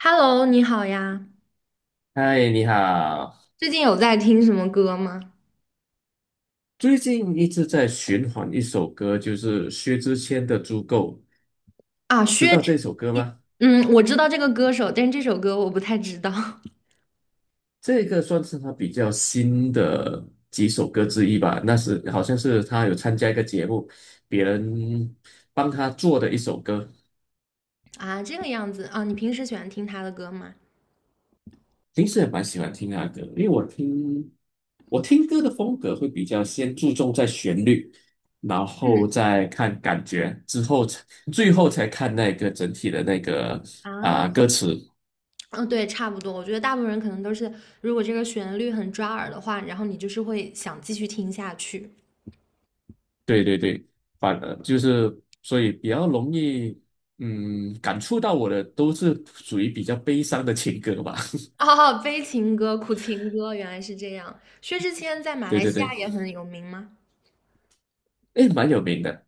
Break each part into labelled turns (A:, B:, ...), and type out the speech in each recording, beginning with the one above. A: Hello，你好呀，
B: 嗨，你好。
A: 最近有在听什么歌吗？
B: 最近一直在循环一首歌，就是薛之谦的《足够》，
A: 啊，
B: 知
A: 薛
B: 道
A: 之
B: 这首歌
A: 谦，
B: 吗？
A: 嗯，我知道这个歌手，但是这首歌我不太知道。
B: 这个算是他比较新的几首歌之一吧。那是好像是他有参加一个节目，别人帮他做的一首歌。
A: 啊，这个样子啊，你平时喜欢听他的歌吗？
B: 平时也蛮喜欢听他的歌，因为我听歌的风格会比较先注重在旋律，然
A: 嗯
B: 后再看感觉，之后才最后才看那个整体的那个
A: 啊，
B: 歌词。
A: 嗯，对，差不多。我觉得大部分人可能都是，如果这个旋律很抓耳的话，然后你就是会想继续听下去。
B: 对对对，就是所以比较容易，嗯，感触到我的都是属于比较悲伤的情歌吧。
A: 哦，悲情歌、苦情歌，原来是这样。薛之谦在 马
B: 对
A: 来
B: 对
A: 西
B: 对，
A: 亚也很有名吗？
B: 诶，蛮有名的，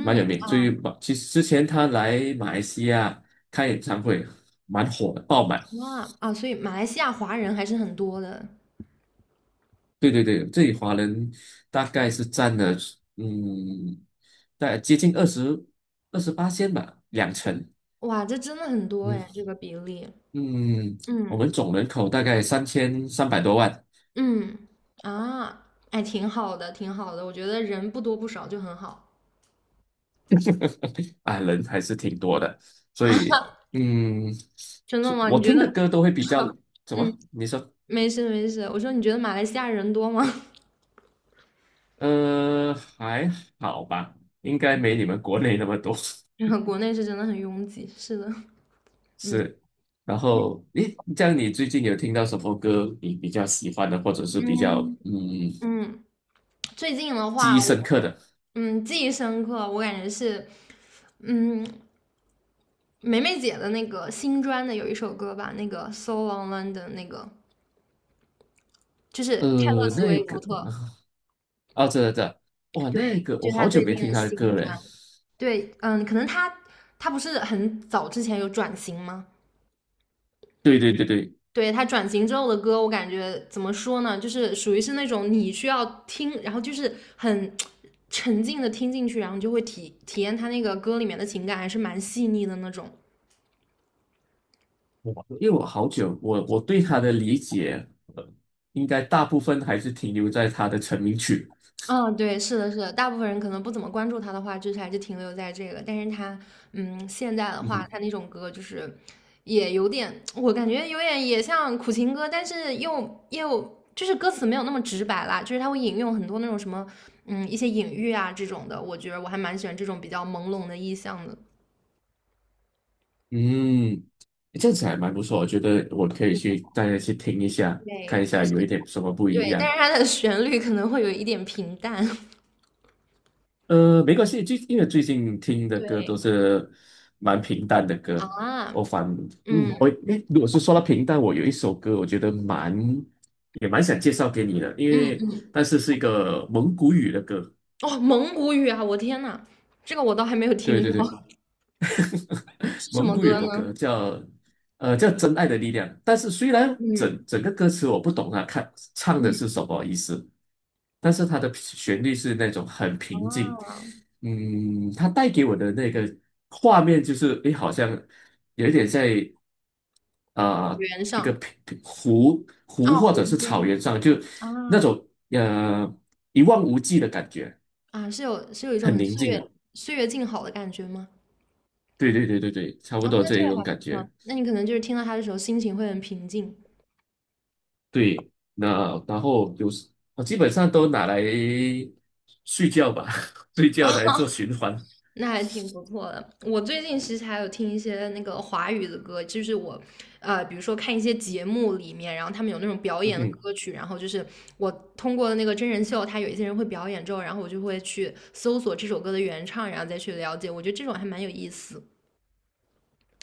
B: 蛮有名。最近其实之前他来马来西亚开演唱会，蛮火的，爆满。
A: 啊啊，所以马来西亚华人还是很多的。
B: 对对对，这里华人大概是占了，嗯，大概接近二十28仙吧，两成。
A: 哇，这真的很多
B: 嗯
A: 哎，这个比例。
B: 嗯，我
A: 嗯
B: 们总人口大概3,300多万。
A: 嗯啊，哎，挺好的，挺好的。我觉得人不多不少就很好。
B: 啊，人还是挺多的，所以嗯，
A: 真的吗？
B: 我
A: 你觉
B: 听的
A: 得？
B: 歌都会比较怎
A: 嗯，
B: 么？你说，
A: 没事没事。我说你觉得马来西亚人多吗？
B: 还好吧，应该没你们国内那么多。
A: 然后国内是真的很拥挤。是的，嗯
B: 是，然后诶，这样你最近有听到什么歌你比较喜欢的，或者是比较
A: 嗯嗯。最近的
B: 记
A: 话，
B: 忆深
A: 我
B: 刻的？
A: 嗯记忆深刻，我感觉是嗯梅梅姐的那个新专的有一首歌吧，那个《So Long London》那个，就是泰勒·
B: 呃，
A: 斯
B: 那
A: 威夫
B: 个
A: 特，
B: 这哇，那
A: 对，
B: 个
A: 就
B: 我
A: 是她
B: 好久
A: 最
B: 没
A: 近
B: 听
A: 的
B: 他的
A: 新
B: 歌了。
A: 专。对，嗯，可能他不是很早之前有转型吗？
B: 对对对对，
A: 对，他转型之后的歌，我感觉怎么说呢，就是属于是那种你需要听，然后就是很沉浸的听进去，然后你就会体验他那个歌里面的情感，还是蛮细腻的那种。
B: 因为我好久，我对他的理解，呃，应该大部分还是停留在他的成名曲。
A: 嗯，对，是的，是的，大部分人可能不怎么关注他的话，就是还是停留在这个。但是他，嗯，现在的
B: 嗯
A: 话，
B: 哼
A: 他那种歌就是也有点，我感觉有点也像苦情歌，但是就是歌词没有那么直白啦，就是他会引用很多那种什么，嗯，一些隐喻啊这种的。我觉得我还蛮喜欢这种比较朦胧的意象的。
B: 嗯，这样子还蛮不错，我觉得我可以去大家去听一下，看
A: 对，
B: 一
A: 但
B: 下
A: 是
B: 有一点什么不一
A: 对，但
B: 样。
A: 是它的旋律可能会有一点平淡。
B: 没关系，因为最近听的歌
A: 对
B: 都是蛮平淡的歌，
A: 啊，
B: 我反
A: 嗯
B: 嗯，我诶，如果是说到平淡，我有一首歌，我觉得也蛮想介绍给你的，因为
A: 嗯，
B: 但是是一个蒙古语的歌。
A: 哦，蒙古语啊，我天呐，这个我倒还没有
B: 对
A: 听
B: 对对。
A: 过。是什
B: 蒙
A: 么
B: 古语
A: 歌
B: 的歌
A: 呢？
B: 叫《真爱的力量》，但是虽然
A: 嗯
B: 整个歌词我不懂啊，看唱的
A: 嗯，
B: 是什么意思，但是它的旋律是那种很平静，
A: 啊，
B: 它带给我的那个画面就是，好像有一点在啊、呃
A: 原
B: 一个
A: 上
B: 平湖
A: 啊，
B: 或
A: 湖
B: 者是草
A: 边
B: 原上，就那
A: 啊
B: 种一望无际的感觉，
A: 啊，是有一种
B: 很
A: 很
B: 宁
A: 岁
B: 静的，
A: 月岁月静好的感觉吗？
B: 对对对对对，差不
A: 啊，
B: 多
A: 那
B: 这
A: 这
B: 一
A: 个
B: 种
A: 还不
B: 感觉。
A: 错，那你可能就是听到它的时候心情会很平静，
B: 对，那然后就是我基本上都拿来睡觉吧，睡觉来做循环。
A: 那还挺不错的。我最近其实还有听一些那个华语的歌，就是我呃，比如说看一些节目里面，然后他们有那种表
B: 嗯
A: 演的
B: 哼，
A: 歌曲，然后就是我通过那个真人秀，他有一些人会表演之后，然后我就会去搜索这首歌的原唱，然后再去了解，我觉得这种还蛮有意思。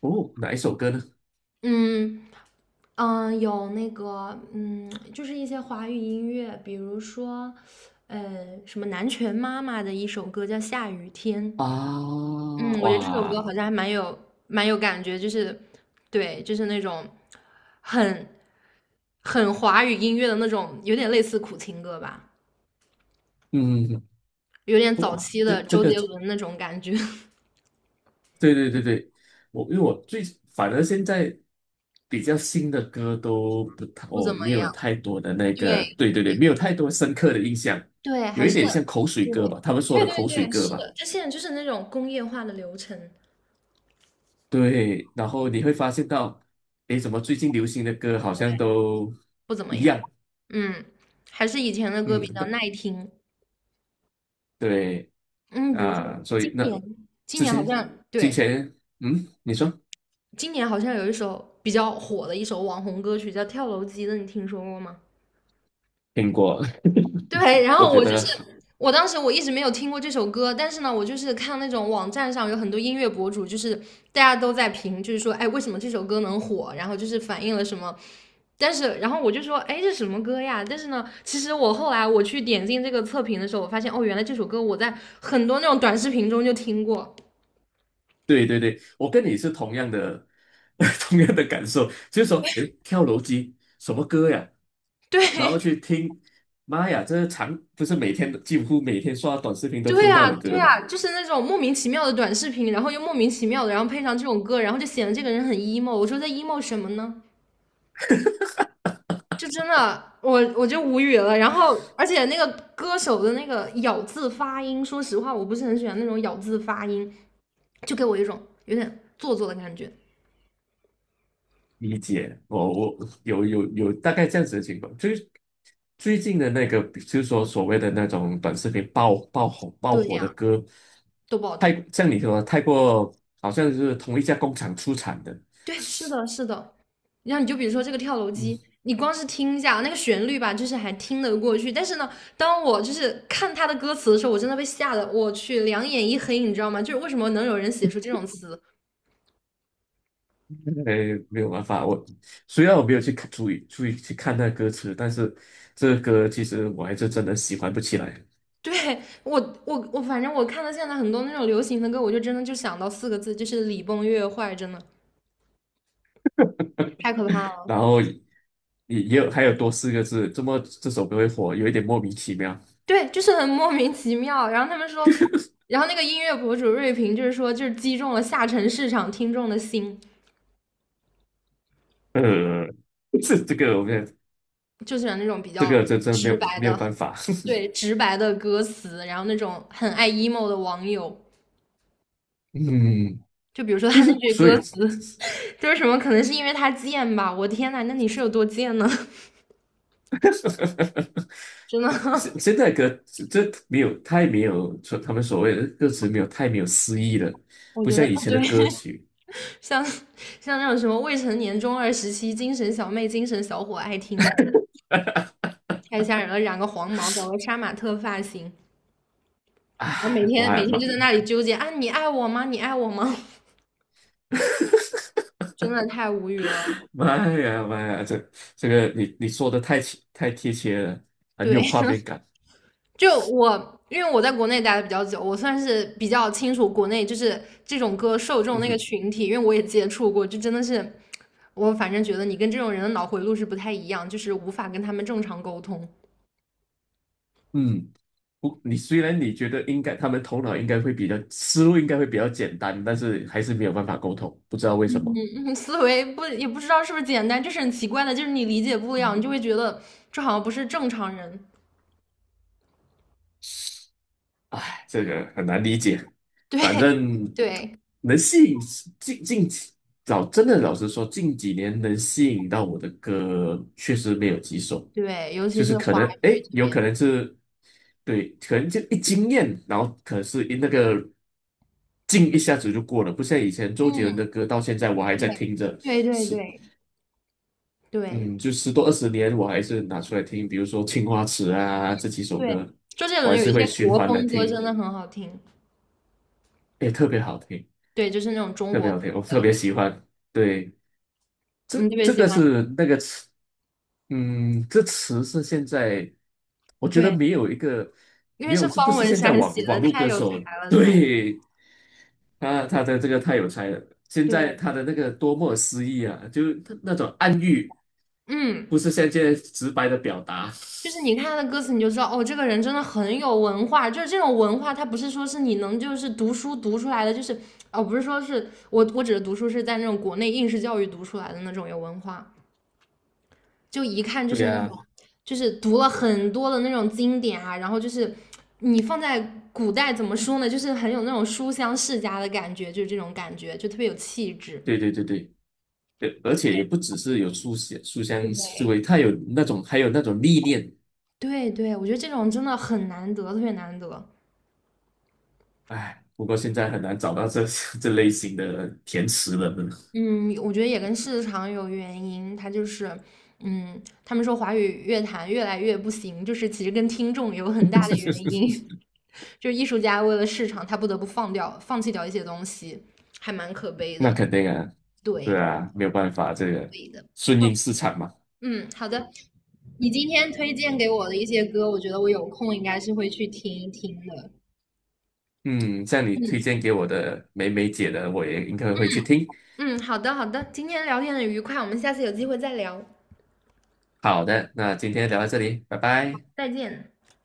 B: 哦，哪一首歌呢？
A: 嗯嗯，有那个嗯，就是一些华语音乐，比如说，呃，什么南拳妈妈的一首歌叫《下雨天》，
B: 啊，
A: 嗯，我觉得这首歌
B: 哇，
A: 好像还蛮有感觉，就是对，就是那种很很华语音乐的那种，有点类似苦情歌吧，
B: 嗯，
A: 有点早
B: 哇，
A: 期
B: 这
A: 的
B: 这
A: 周
B: 个，
A: 杰伦那种感觉。
B: 对对对对，我因为我最反而现在比较新的歌都不太，
A: 不
B: 我
A: 怎么
B: 没有
A: 样。
B: 太多的那个，
A: 对
B: 对对对，没有太多深刻的印象，
A: 对，
B: 有
A: 还
B: 一
A: 是
B: 点像口水
A: 对
B: 歌吧，他们说
A: 对
B: 的口
A: 对
B: 水
A: 对，
B: 歌
A: 是
B: 吧。
A: 的，他现在就是那种工业化的流程，
B: 对，然后你会发现到，诶，怎么最近流行的歌好像都
A: 不怎么
B: 一
A: 样。
B: 样？
A: 嗯，还是以前的歌
B: 嗯，
A: 比较
B: 那
A: 耐听。
B: 对
A: 嗯，比如说
B: 啊，所以
A: 今
B: 那
A: 年，今
B: 之
A: 年好
B: 前
A: 像
B: 之
A: 对，
B: 前，你说
A: 今年好像有一首比较火的一首网红歌曲叫《跳楼机》的，你听说过吗？
B: 听过？
A: 对，然
B: 我
A: 后
B: 觉
A: 我就
B: 得
A: 是，我当时我一直没有听过这首歌，但是呢，我就是看那种网站上有很多音乐博主，就是大家都在评，就是说，哎，为什么这首歌能火？然后就是反映了什么。但是，然后我就说，哎，这什么歌呀？但是呢，其实我后来我去点进这个测评的时候，我发现，哦，原来这首歌我在很多那种短视频中就听过。
B: 对对对，我跟你是同样的 同样的感受，就是说，诶，跳楼机什么歌呀？然
A: 对，
B: 后去听，妈呀，这不是每天几乎每天刷短视频都
A: 对
B: 听到
A: 啊，
B: 的歌
A: 对
B: 吗？
A: 啊，就是那种莫名其妙的短视频，然后又莫名其妙的，然后配上这种歌，然后就显得这个人很 emo。我说在 emo 什么呢？就真的，我就无语了。然后，而且那个歌手的那个咬字发音，说实话，我不是很喜欢那种咬字发音，就给我一种有点做作的感觉。
B: 理解，我有大概这样子的情况，就是最近的那个，就是说所谓的那种短视频爆
A: 对
B: 火的
A: 呀，
B: 歌，
A: 都不好
B: 太
A: 听。
B: 像你说的太过，好像是同一家工厂出产的，
A: 对，是的，是的。然后你就比如说这个跳楼机，
B: 嗯，
A: 你光是听一下那个旋律吧，就是还听得过去。但是呢，当我就是看他的歌词的时候，我真的被吓得，我去，两眼一黑，你知道吗？就是为什么能有人写出这种词？
B: 哎，没有办法，虽然我没有去看注意去看那歌词，但是这个歌其实我还是真的喜欢不起来。
A: 对我，我反正我看到现在很多那种流行的歌，我就真的就想到四个字，就是礼崩乐坏，真的。太可怕了。
B: 然后也有还有多四个字，这首歌会火，有一点莫名其妙。
A: 对，就是很莫名其妙。然后他们说，然后那个音乐博主瑞平就是说，就是击中了下沉市场听众的心，
B: 呃，这个我们
A: 就喜欢那种比
B: 这
A: 较
B: 个没
A: 直
B: 有
A: 白
B: 没有
A: 的，
B: 办法，
A: 对，直白的歌词，然后那种很爱 emo 的网友。
B: 嗯，
A: 就比如说
B: 就
A: 他那
B: 是
A: 句
B: 所
A: 歌
B: 以，
A: 词，就是什么，可能是因为他贱吧。我天呐，那你是有多贱呢？真
B: 现
A: 的。
B: 现在歌这没有太没有他们所谓的歌词没有太没有诗意了，
A: 我
B: 不
A: 觉
B: 像
A: 得，
B: 以
A: 哦
B: 前
A: 对。
B: 的歌 曲，
A: 像像那种什么未成年中二时期精神小妹、精神小伙爱听的，太吓人了，染个黄毛，搞个杀马特发型，然后每
B: 唉，我
A: 天每
B: 还
A: 天
B: 蛮。
A: 就在那里纠结啊，你爱我吗？你爱我吗？真的太无语了。
B: 妈呀妈呀，这个你说的太贴切了，很
A: 对，
B: 有画面感。
A: 就我，因为我在国内待的比较久，我算是比较清楚国内就是这种歌受众
B: 嗯
A: 那个
B: 哼，
A: 群体，因为我也接触过，就真的是，我反正觉得你跟这种人的脑回路是不太一样，就是无法跟他们正常沟通。
B: 嗯，不，虽然你觉得应该他们头脑应该会比较思路应该会比较简单，但是还是没有办法沟通，不知道为什么。
A: 思维不也不知道是不是简单，就是很奇怪的，就是你理解不了，你就会觉得这好像不是正常人。
B: 哎，这个很难理解。反
A: 对，
B: 正
A: 对，
B: 能吸引近近几老真的老实说，近几年能吸引到我的歌确实没有几首，
A: 对，尤其
B: 就是
A: 是
B: 可
A: 华
B: 能
A: 语
B: 诶，
A: 这
B: 有
A: 边，
B: 可能是对，可能就一惊艳，然后可是一劲一下子就过了，不像以前周杰伦
A: 嗯，
B: 的歌，到现在我还在听着，
A: 对，对，对，
B: 十
A: 对，对，
B: 嗯，就10多20年，我还是拿出来听，比如说《青花瓷》啊这几首
A: 对，
B: 歌，
A: 周杰
B: 我
A: 伦
B: 还
A: 有
B: 是
A: 一
B: 会
A: 些
B: 循
A: 国
B: 环
A: 风
B: 来
A: 歌
B: 听，
A: 真的很好听，
B: 也特别好听。
A: 对，就是那种中
B: 特别
A: 国
B: 好
A: 风，
B: 听，我特别喜欢。对，这
A: 嗯，特别
B: 这
A: 喜
B: 个
A: 欢，
B: 是那个词，这词是现在我觉得
A: 对，
B: 没有一个
A: 因为
B: 没有，
A: 是
B: 这不
A: 方
B: 是
A: 文
B: 现在
A: 山
B: 网
A: 写
B: 网
A: 的，
B: 络
A: 太
B: 歌
A: 有才
B: 手
A: 了，他，
B: 对他的这个太有才了。现在
A: 对，
B: 他的那个多么诗意啊，就是他那种暗喻，不
A: 嗯。
B: 是像现在直白的表达。
A: 就是你看他的歌词，你就知道哦，这个人真的很有文化。就是这种文化，他不是说是你能就是读书读出来的，就是哦，不是说是我指的读书是在那种国内应试教育读出来的那种有文化，就一看就
B: 对
A: 是那
B: 呀、
A: 种就是读了很多的那种经典啊，然后就是你放在古代怎么说呢，就是很有那种书香世家的感觉，就是这种感觉，就特别有气质。
B: 对对对对，对而且也不只是有书香思
A: 对，
B: 维，他有那种还有那种历练。
A: 对对，我觉得这种真的很难得，特别难得。
B: 哎，不过现在很难找到这 这类型的填词人了。
A: 嗯，我觉得也跟市场有原因，他就是，嗯，他们说华语乐坛越来越不行，就是其实跟听众有很大的原因，就是艺术家为了市场，他不得不放掉、放弃掉一些东西，还蛮可悲
B: 那
A: 的。
B: 肯定啊，
A: 对，
B: 对啊，没有办法，这个
A: 对的。
B: 顺
A: 好
B: 应市场嘛。
A: 嗯，好的。你今天推荐给我的一些歌，我觉得我有空应该是会去听一听的。
B: 嗯，像你推荐给我的美美姐的，我也应该会去听。
A: 嗯，好的，好的。今天聊天很愉快，我们下次有机会再聊，
B: 好的，那今天聊到这里，拜拜。
A: 再见。